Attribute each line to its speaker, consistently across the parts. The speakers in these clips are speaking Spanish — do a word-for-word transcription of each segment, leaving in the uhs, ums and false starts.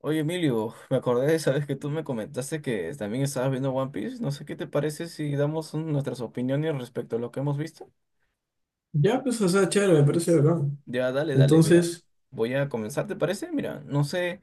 Speaker 1: Oye, Emilio, me acordé de esa vez que tú me comentaste que también estabas viendo One Piece. No sé qué te parece si damos un- nuestras opiniones respecto a lo que hemos visto.
Speaker 2: Ya, pues, o sea, chévere, me parece bacán.
Speaker 1: Ya, dale, dale, mira.
Speaker 2: Entonces,
Speaker 1: Voy a comenzar, ¿te parece? Mira, no sé,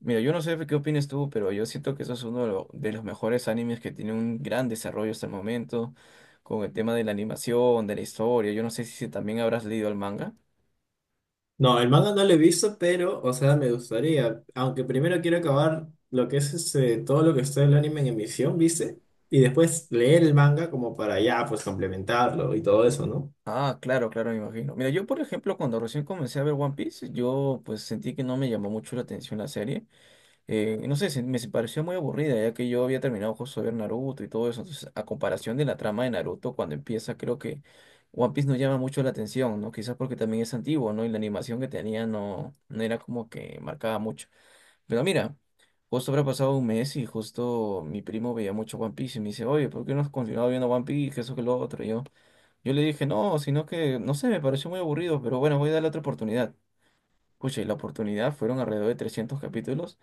Speaker 1: mira, yo no sé qué opinas tú, pero yo siento que eso es uno de, lo- de los mejores animes que tiene un gran desarrollo hasta el momento, con el tema de la animación, de la historia. Yo no sé si también habrás leído el manga.
Speaker 2: no, el manga no lo he visto, pero, o sea, me gustaría. Aunque primero quiero acabar lo que es este, todo lo que está el anime en emisión, ¿viste? Y después leer el manga como para ya, pues, complementarlo y todo eso, ¿no?
Speaker 1: Ah, claro, claro, me imagino. Mira, yo por ejemplo, cuando recién comencé a ver One Piece, yo pues sentí que no me llamó mucho la atención la serie. Eh, no sé, se- me se pareció muy aburrida, ya que yo había terminado justo de ver Naruto y todo eso. Entonces, a comparación de la trama de Naruto, cuando empieza, creo que One Piece no llama mucho la atención, ¿no? Quizás porque también es antiguo, ¿no? Y la animación que tenía no, no era como que marcaba mucho. Pero mira, justo habrá pasado un mes y justo mi primo veía mucho One Piece y me dice, oye, ¿por qué no has continuado viendo One Piece? Que eso que lo otro. Y yo, yo le dije, no, sino que, no sé, me pareció muy aburrido, pero bueno, voy a darle otra oportunidad. Pucha, y la oportunidad fueron alrededor de trescientos capítulos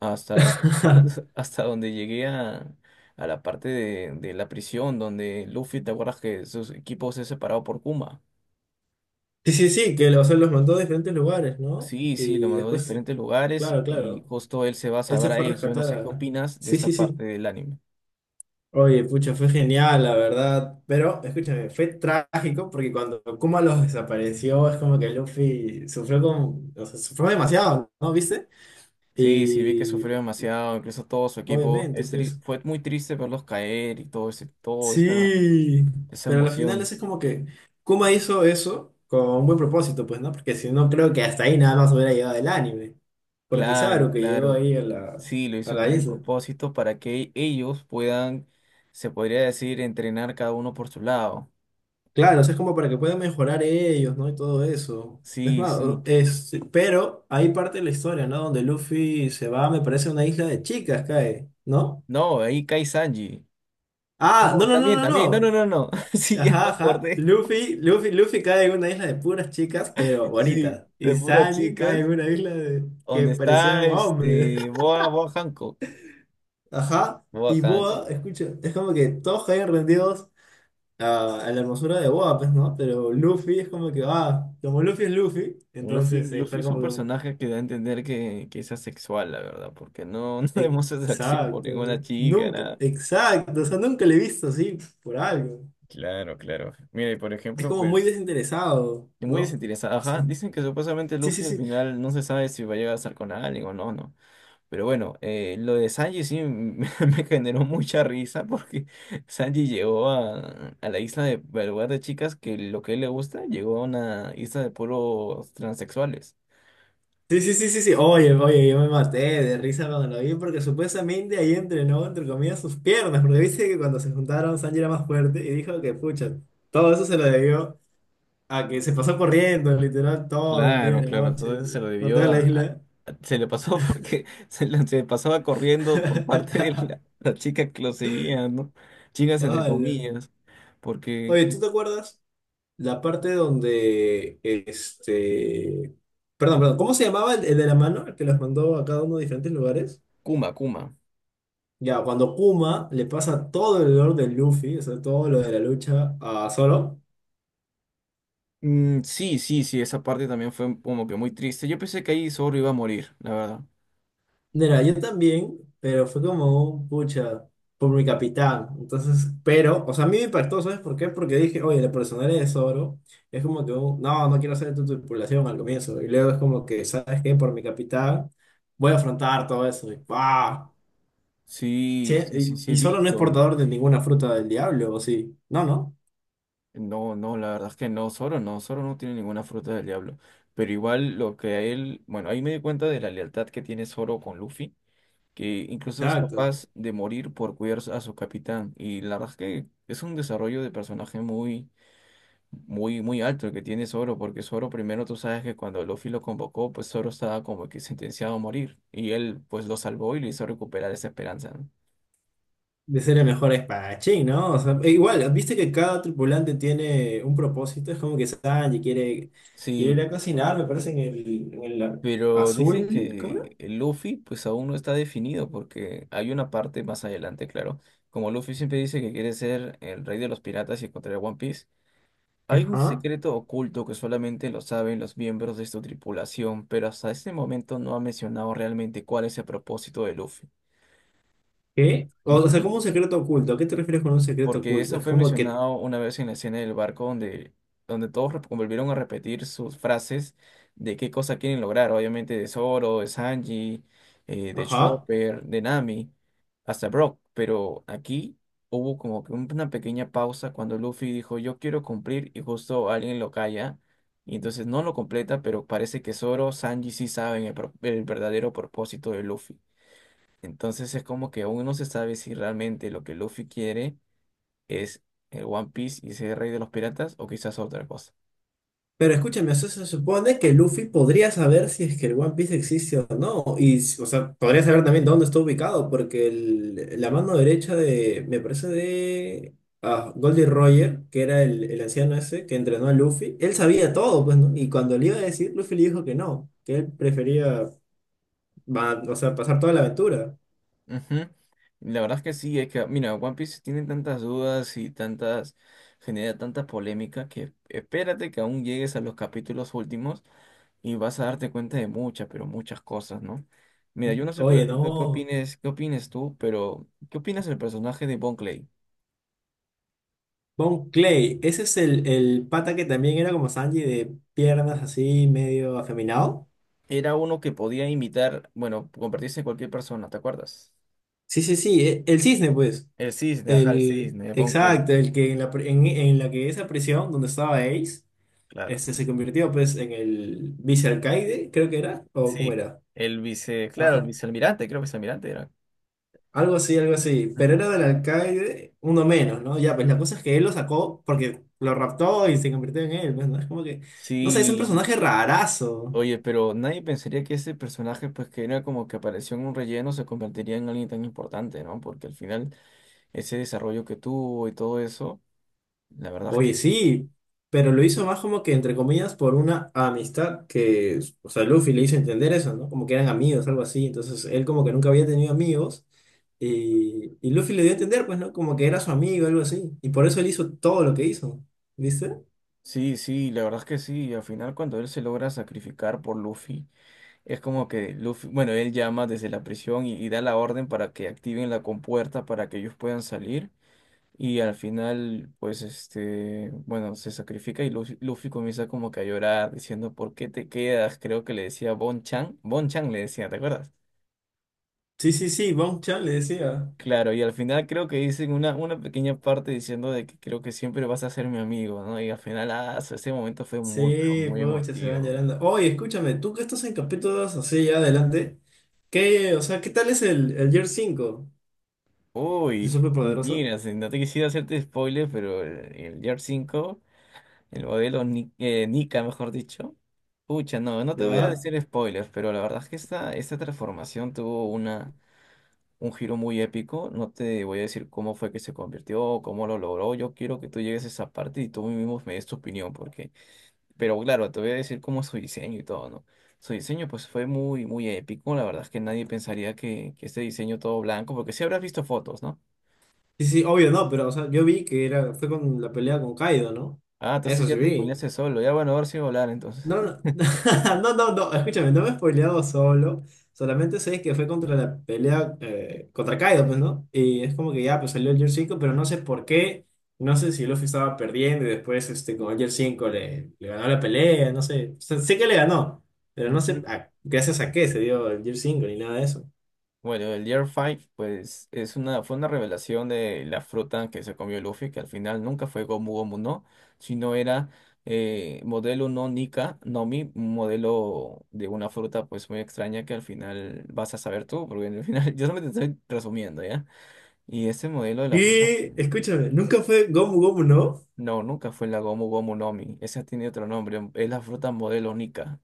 Speaker 1: hasta, hasta donde llegué a, a la parte de, de la prisión, donde Luffy, ¿te acuerdas que sus equipos se separado por Kuma?
Speaker 2: Sí, sí, sí, que o sea, los mandó a diferentes lugares, ¿no?
Speaker 1: Sí, sí, lo
Speaker 2: Y
Speaker 1: mandó a
Speaker 2: después,
Speaker 1: diferentes lugares
Speaker 2: claro,
Speaker 1: y
Speaker 2: claro,
Speaker 1: justo él se va a
Speaker 2: él se
Speaker 1: saber a
Speaker 2: fue a
Speaker 1: eso. Yo no
Speaker 2: rescatar
Speaker 1: sé qué
Speaker 2: a...
Speaker 1: opinas de
Speaker 2: Sí,
Speaker 1: esta
Speaker 2: sí, sí.
Speaker 1: parte del anime.
Speaker 2: Oye, pucha, fue genial, la verdad. Pero, escúchame, fue trágico porque cuando Kuma los desapareció, es como que Luffy sufrió con, o sea, sufrió demasiado, ¿no? ¿Viste?
Speaker 1: Sí, sí, vi que
Speaker 2: Y
Speaker 1: sufrió demasiado, incluso todo su equipo.
Speaker 2: obviamente,
Speaker 1: Es
Speaker 2: pues.
Speaker 1: tri- fue muy triste verlos caer y todo ese, todo esa,
Speaker 2: Sí.
Speaker 1: esa
Speaker 2: Pero al final
Speaker 1: emoción.
Speaker 2: eso es como que Kuma hizo eso con un buen propósito, pues, ¿no? Porque si no, creo que hasta ahí nada más hubiera llegado el anime. Porque
Speaker 1: Claro,
Speaker 2: Kizaru que llegó
Speaker 1: claro.
Speaker 2: ahí a la,
Speaker 1: Sí, lo
Speaker 2: a
Speaker 1: hizo
Speaker 2: la
Speaker 1: con un
Speaker 2: isla.
Speaker 1: propósito para que ellos puedan, se podría decir, entrenar cada uno por su lado.
Speaker 2: Claro, o sea, es como para que puedan mejorar ellos, ¿no? Y todo eso. Es
Speaker 1: Sí,
Speaker 2: más, o-
Speaker 1: sí.
Speaker 2: es, sí, pero hay parte de la historia, ¿no? Donde Luffy se va, me parece, a una isla de chicas, cae, ¿no?
Speaker 1: No, ahí cae Sanji. Ah,
Speaker 2: Ah, no,
Speaker 1: no,
Speaker 2: no, no,
Speaker 1: también,
Speaker 2: no,
Speaker 1: también. No, no,
Speaker 2: no.
Speaker 1: no, no. Sí, ya me
Speaker 2: Ajá, ajá.
Speaker 1: acordé.
Speaker 2: Luffy, Luffy, Luffy cae en una isla de puras chicas, pero
Speaker 1: Sí,
Speaker 2: bonitas.
Speaker 1: de
Speaker 2: Y
Speaker 1: puras
Speaker 2: Sanji
Speaker 1: chicas.
Speaker 2: cae en una isla de, que
Speaker 1: Donde está
Speaker 2: parecían hombres.
Speaker 1: este Boa, Boa Hancock.
Speaker 2: Ajá.
Speaker 1: Boa
Speaker 2: Y Boa,
Speaker 1: Hancock.
Speaker 2: escucha, es como que todos caen rendidos a, a la hermosura de Boa, pues, ¿no? Pero Luffy es como que, ah, como Luffy es Luffy,
Speaker 1: Luffy,
Speaker 2: entonces eh,
Speaker 1: Luffy
Speaker 2: fue
Speaker 1: es un
Speaker 2: como,
Speaker 1: personaje que da a entender que, que es asexual, la verdad, porque no, no
Speaker 2: que,
Speaker 1: demuestra atracción por
Speaker 2: exacto,
Speaker 1: ninguna chica,
Speaker 2: nunca,
Speaker 1: nada.
Speaker 2: exacto, o sea, nunca le he visto así por algo.
Speaker 1: Claro, claro. Mira, y por
Speaker 2: Es
Speaker 1: ejemplo,
Speaker 2: como muy
Speaker 1: pues.
Speaker 2: desinteresado,
Speaker 1: Muy
Speaker 2: ¿no?
Speaker 1: desinteresada, ajá.
Speaker 2: Su-
Speaker 1: Dicen que supuestamente
Speaker 2: Sí, sí,
Speaker 1: Luffy al
Speaker 2: sí,
Speaker 1: final no se sabe si va a llegar a estar con alguien o no, no. Pero bueno, eh, lo de Sanji sí me, me generó mucha risa porque Sanji llegó a, a la isla de, al lugar de chicas que lo que a él le gusta, llegó a una isla de puros transexuales.
Speaker 2: sí, sí, sí, sí, sí, oye, oye, yo me maté de risa cuando lo vi porque supuestamente ahí entrenó, entre comillas, sus piernas, porque viste que cuando se juntaron Sanji era más fuerte y dijo que, pucha, todo eso se lo debió. A que se pasó corriendo, literal, todo el día
Speaker 1: Claro,
Speaker 2: y la
Speaker 1: claro,
Speaker 2: noche,
Speaker 1: entonces se lo
Speaker 2: por
Speaker 1: debió
Speaker 2: toda la
Speaker 1: a, a-
Speaker 2: isla.
Speaker 1: a- se le pasó. Porque se, le- se pasaba corriendo por parte de la, la chica que lo seguía, ¿no? Chicas entre
Speaker 2: Ala.
Speaker 1: comillas, porque
Speaker 2: Oye, ¿tú te acuerdas la parte donde este. Perdón, perdón, ¿cómo se llamaba el, el de la mano, el que los mandó a cada uno de diferentes lugares?
Speaker 1: Kuma, Kuma.
Speaker 2: Ya, cuando Kuma le pasa todo el dolor de Luffy, o sea, todo lo de la lucha a Zoro.
Speaker 1: Mm, sí, sí, sí, esa parte también fue como que muy triste. Yo pensé que ahí Zorro iba a morir, la verdad.
Speaker 2: Mira, yo también, pero fue como un pucha por mi capitán. Entonces, pero, o sea, a mí me impactó, ¿sabes por qué? Porque dije, oye, la personalidad de Zoro es como que, un, no, no quiero hacer tu tripulación al comienzo. Y luego es como que, ¿sabes qué? Por mi capitán voy a afrontar todo eso. Y, ¡guau!
Speaker 1: Sí,
Speaker 2: Che,
Speaker 1: sí,
Speaker 2: y,
Speaker 1: sí, sí he
Speaker 2: y Zoro no es
Speaker 1: visto.
Speaker 2: portador de ninguna fruta del diablo, ¿o sí? No, no.
Speaker 1: No, no, la verdad es que no, Zoro no, Zoro no tiene ninguna fruta del diablo. Pero igual lo que a él, bueno, ahí me di cuenta de la lealtad que tiene Zoro con Luffy, que incluso es
Speaker 2: Exacto.
Speaker 1: capaz de morir por cuidar a su capitán. Y la verdad es que es un desarrollo de personaje muy, muy, muy alto el que tiene Zoro, porque Zoro primero tú sabes que cuando Luffy lo convocó, pues Zoro estaba como que sentenciado a morir y él pues lo salvó y le hizo recuperar esa esperanza, ¿no?
Speaker 2: De ser el mejor espadachín, ¿no? O sea, e igual, viste que cada tripulante tiene un propósito, es como que Sanji quiere, quiere ir
Speaker 1: Sí,
Speaker 2: a cocinar, me parece, en el, en el
Speaker 1: pero dicen
Speaker 2: azul, ¿cómo era?
Speaker 1: que el Luffy pues aún no está definido porque hay una parte más adelante, claro, como Luffy siempre dice que quiere ser el rey de los piratas y encontrar a One Piece. Hay un
Speaker 2: Ajá.
Speaker 1: secreto oculto que solamente lo saben los miembros de su tripulación, pero hasta este momento no ha mencionado realmente cuál es el propósito de Luffy.
Speaker 2: ¿Qué? O, o sea, como un secreto oculto, ¿a qué te refieres con un secreto
Speaker 1: Porque
Speaker 2: oculto?
Speaker 1: eso
Speaker 2: Es
Speaker 1: fue
Speaker 2: como que,
Speaker 1: mencionado una vez en la escena del barco donde, donde todos rep- volvieron a repetir sus frases de qué cosa quieren lograr, obviamente de Zoro, de Sanji, eh, de
Speaker 2: ajá.
Speaker 1: Chopper, de Nami, hasta Brock, pero aquí hubo como que un- una pequeña pausa cuando Luffy dijo yo quiero cumplir y justo alguien lo calla. Y entonces no lo completa, pero parece que Zoro, Sanji sí saben el, pro- el verdadero propósito de Luffy. Entonces es como que aún no se sabe si realmente lo que Luffy quiere es eh, One Piece y ese Rey de los Piratas o quizás otra cosa.
Speaker 2: Pero escúchame, eso se supone que Luffy podría saber si es que el One Piece existe o no. Y, s- o sea, podría saber también dónde está ubicado, porque el- la mano derecha de, me parece de ah, Goldie Roger, que era el, el anciano ese que entrenó a Luffy, él sabía todo, pues, ¿no? Y cuando le iba a decir, Luffy le dijo que no, que él prefería, va- o sea, pasar toda la aventura.
Speaker 1: Ujú. La verdad es que sí, es que, mira, One Piece tiene tantas dudas y tantas, genera tanta polémica que espérate que aún llegues a los capítulos últimos y vas a darte cuenta de muchas, pero muchas cosas, ¿no? Mira, yo no sé, por
Speaker 2: Oye,
Speaker 1: ejemplo, qué
Speaker 2: no.
Speaker 1: opines, qué opines tú, pero ¿qué opinas del personaje de Bon Clay?
Speaker 2: Bon Clay, ese es el, el pata que también era como Sanji de piernas así, medio afeminado.
Speaker 1: Era uno que podía imitar, bueno, convertirse en cualquier persona, ¿te acuerdas?
Speaker 2: Sí, sí, sí, e- el cisne, pues.
Speaker 1: El cisne, ajá, el
Speaker 2: El,
Speaker 1: cisne, Bon Clay,
Speaker 2: exacto, el que en la, pre- en, en la que esa prisión donde estaba Ace,
Speaker 1: claro.
Speaker 2: este, se convirtió pues en el vicealcaide, creo que era, o cómo
Speaker 1: Sí,
Speaker 2: era,
Speaker 1: el vice, claro, el
Speaker 2: ajá,
Speaker 1: vicealmirante, creo que vicealmirante era.
Speaker 2: algo así, algo así, pero era
Speaker 1: Ujú.
Speaker 2: del alcaide, uno menos, ¿no? Ya, pues la cosa es que él lo sacó porque lo raptó y se convirtió en él, pues, ¿no? Es como que, no sé, es un
Speaker 1: Sí,
Speaker 2: personaje rarazo.
Speaker 1: oye, pero nadie pensaría que ese personaje, pues que era como que apareció en un relleno, se convertiría en alguien tan importante, ¿no? Porque al final ese desarrollo que tuvo y todo eso, la verdad es
Speaker 2: Oye,
Speaker 1: que
Speaker 2: sí, pero lo hizo más como que, entre comillas, por una amistad que, o sea, Luffy le hizo entender eso, ¿no? Como que eran amigos, algo así. Entonces, él como que nunca había tenido amigos y, y Luffy le dio a entender, pues, ¿no? Como que era su amigo, algo así. Y por eso él hizo todo lo que hizo, ¿viste?
Speaker 1: sí, sí, la verdad es que sí. Y al final cuando él se logra sacrificar por Luffy, es como que Luffy, bueno, él llama desde la prisión y, y da la orden para que activen la compuerta para que ellos puedan salir. Y al final, pues, este, bueno, se sacrifica y Luffy, Luffy comienza como que a llorar, diciendo, ¿por qué te quedas? Creo que le decía Bon Chan. Bon Chan le decía, ¿te acuerdas?
Speaker 2: Sí, sí, sí, Bonchan le decía.
Speaker 1: Claro, y al final creo que dicen una, una pequeña parte diciendo de que creo que siempre vas a ser mi amigo, ¿no? Y al final, ah, su- ese momento fue muy, pero
Speaker 2: Sí,
Speaker 1: muy
Speaker 2: pucha, se van
Speaker 1: emotivo.
Speaker 2: llorando. Oye, escúchame, tú que estás en capítulos así ya adelante, ¿qué, o sea, qué tal es el, el Year cinco? ¿Es
Speaker 1: Uy,
Speaker 2: súper poderoso?
Speaker 1: mira, si no te quisiera hacerte spoiler, pero el, el Year cinco. El modelo Ni- eh, Nika, mejor dicho. Pucha, no, no te voy a
Speaker 2: ¿Ya?
Speaker 1: decir spoilers, pero la verdad es que esta, esta transformación tuvo una, un giro muy épico. No te voy a decir cómo fue que se convirtió, cómo lo logró. Yo quiero que tú llegues a esa parte y tú mismo me des tu opinión, porque... Pero claro, te voy a decir cómo es su diseño y todo, ¿no? Su diseño pues fue muy, muy épico. La verdad es que nadie pensaría que, que este diseño todo blanco, porque sí habrás visto fotos, ¿no?
Speaker 2: Sí, sí, obvio no, pero o sea, yo vi que era, fue con la pelea con Kaido, ¿no?
Speaker 1: Ah, entonces
Speaker 2: Eso
Speaker 1: ya
Speaker 2: sí
Speaker 1: te
Speaker 2: vi.
Speaker 1: spoileaste solo. Ya bueno, ahora sí voy a hablar entonces.
Speaker 2: No, no, no, no, no, escúchame, no me he spoileado solo. Solamente sé que fue contra la pelea eh, contra Kaido, pues, ¿no? Y es como que ya, pues salió el Gear cinco pero no sé por qué. No sé si Luffy estaba perdiendo y después este, con el Gear cinco le, le ganó la pelea, no sé. O sea, sé que le ganó, pero no sé a- gracias a qué se dio el Gear cinco ni nada de eso.
Speaker 1: Bueno, el Year cinco, pues es una, fue una revelación de la fruta que se comió Luffy, que al final nunca fue Gomu Gomu no, sino era eh, modelo no Nika, Nomi, un modelo de una fruta pues muy extraña que al final vas a saber tú, porque al final yo solamente te estoy resumiendo, ¿ya? Y ese modelo de la fruta,
Speaker 2: Y escúchame, nunca fue Gomu Gomu, ¿no?
Speaker 1: no, nunca fue la Gomu Gomu Nomi, esa tiene otro nombre, es la fruta modelo Nika,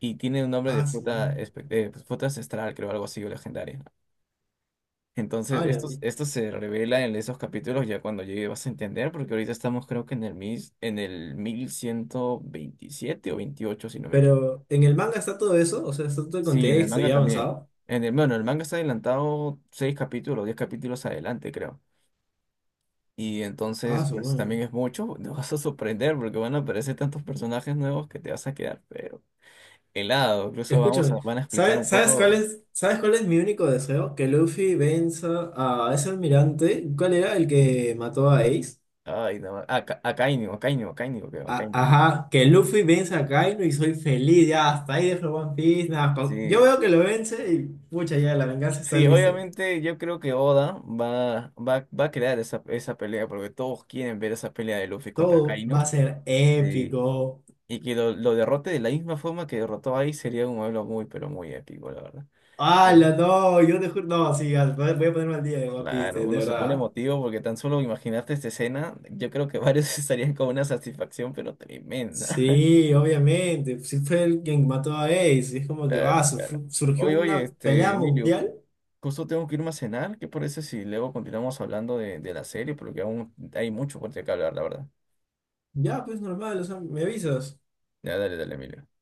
Speaker 1: y tiene un nombre de
Speaker 2: Ah, sí.
Speaker 1: fruta, espe- eh, fruta ancestral, creo, algo así, o legendaria. Entonces,
Speaker 2: Hola.
Speaker 1: esto, esto se revela en esos capítulos ya cuando llegue vas a entender, porque ahorita estamos creo que en el, mis, en el mil ciento veintisiete o veintiocho si no me equivoco.
Speaker 2: Pero en el manga está todo eso, o sea, está todo el
Speaker 1: Sí, en el
Speaker 2: contexto
Speaker 1: manga
Speaker 2: ya
Speaker 1: también.
Speaker 2: avanzado.
Speaker 1: En el, bueno, el manga está adelantado seis capítulos, diez capítulos adelante, creo. Y
Speaker 2: Ah,
Speaker 1: entonces,
Speaker 2: su
Speaker 1: pues
Speaker 2: madre.
Speaker 1: también es mucho, te vas a sorprender porque van a aparecer tantos personajes nuevos que te vas a quedar, pero helado. Incluso vamos a,
Speaker 2: Escúchame,
Speaker 1: van a explicar un
Speaker 2: ¿sabes, sabes cuál
Speaker 1: poco.
Speaker 2: es, sabes cuál es mi único deseo? Que Luffy venza a ese almirante. ¿Cuál era el que mató a Ace?
Speaker 1: Ay, no, a, Ca- a Kainu, a Kainu, a Kainu, creo, a
Speaker 2: A-
Speaker 1: Kainu.
Speaker 2: ajá, que Luffy venza a Kaino y soy feliz, ya, hasta ahí dejo One Piece, nada, pa- yo
Speaker 1: Sí,
Speaker 2: veo que lo vence y pucha, ya, la venganza está
Speaker 1: sí,
Speaker 2: lista.
Speaker 1: obviamente yo creo que Oda va, va, va a crear esa, esa pelea, porque todos quieren ver esa pelea de Luffy contra
Speaker 2: Todo va a
Speaker 1: Kaino.
Speaker 2: ser
Speaker 1: Eh,
Speaker 2: épico.
Speaker 1: y que lo, lo derrote de la misma forma que derrotó ahí sería un duelo muy, pero muy épico, la verdad. Pero,
Speaker 2: ¡Hala, no! Yo te juro, no, sí, ya, voy voy a ponerme al día de One Piece,
Speaker 1: claro,
Speaker 2: de de
Speaker 1: uno se pone
Speaker 2: verdad.
Speaker 1: emotivo porque tan solo imaginarte esta escena, yo creo que varios estarían con una satisfacción, pero tremenda.
Speaker 2: Sí, obviamente. Sí fue el quien mató a Ace. Y es como que, ah,
Speaker 1: Claro,
Speaker 2: su-
Speaker 1: claro.
Speaker 2: surgió
Speaker 1: Oye, oye,
Speaker 2: una
Speaker 1: este,
Speaker 2: pelea
Speaker 1: Emilio,
Speaker 2: mundial.
Speaker 1: justo tengo que irme a cenar. ¿Qué parece si luego continuamos hablando de, de la serie? Porque aún hay mucho por qué hablar, la verdad.
Speaker 2: Ya, pues normal, o sea, me avisas.
Speaker 1: Ya, dale, dale, Emilio.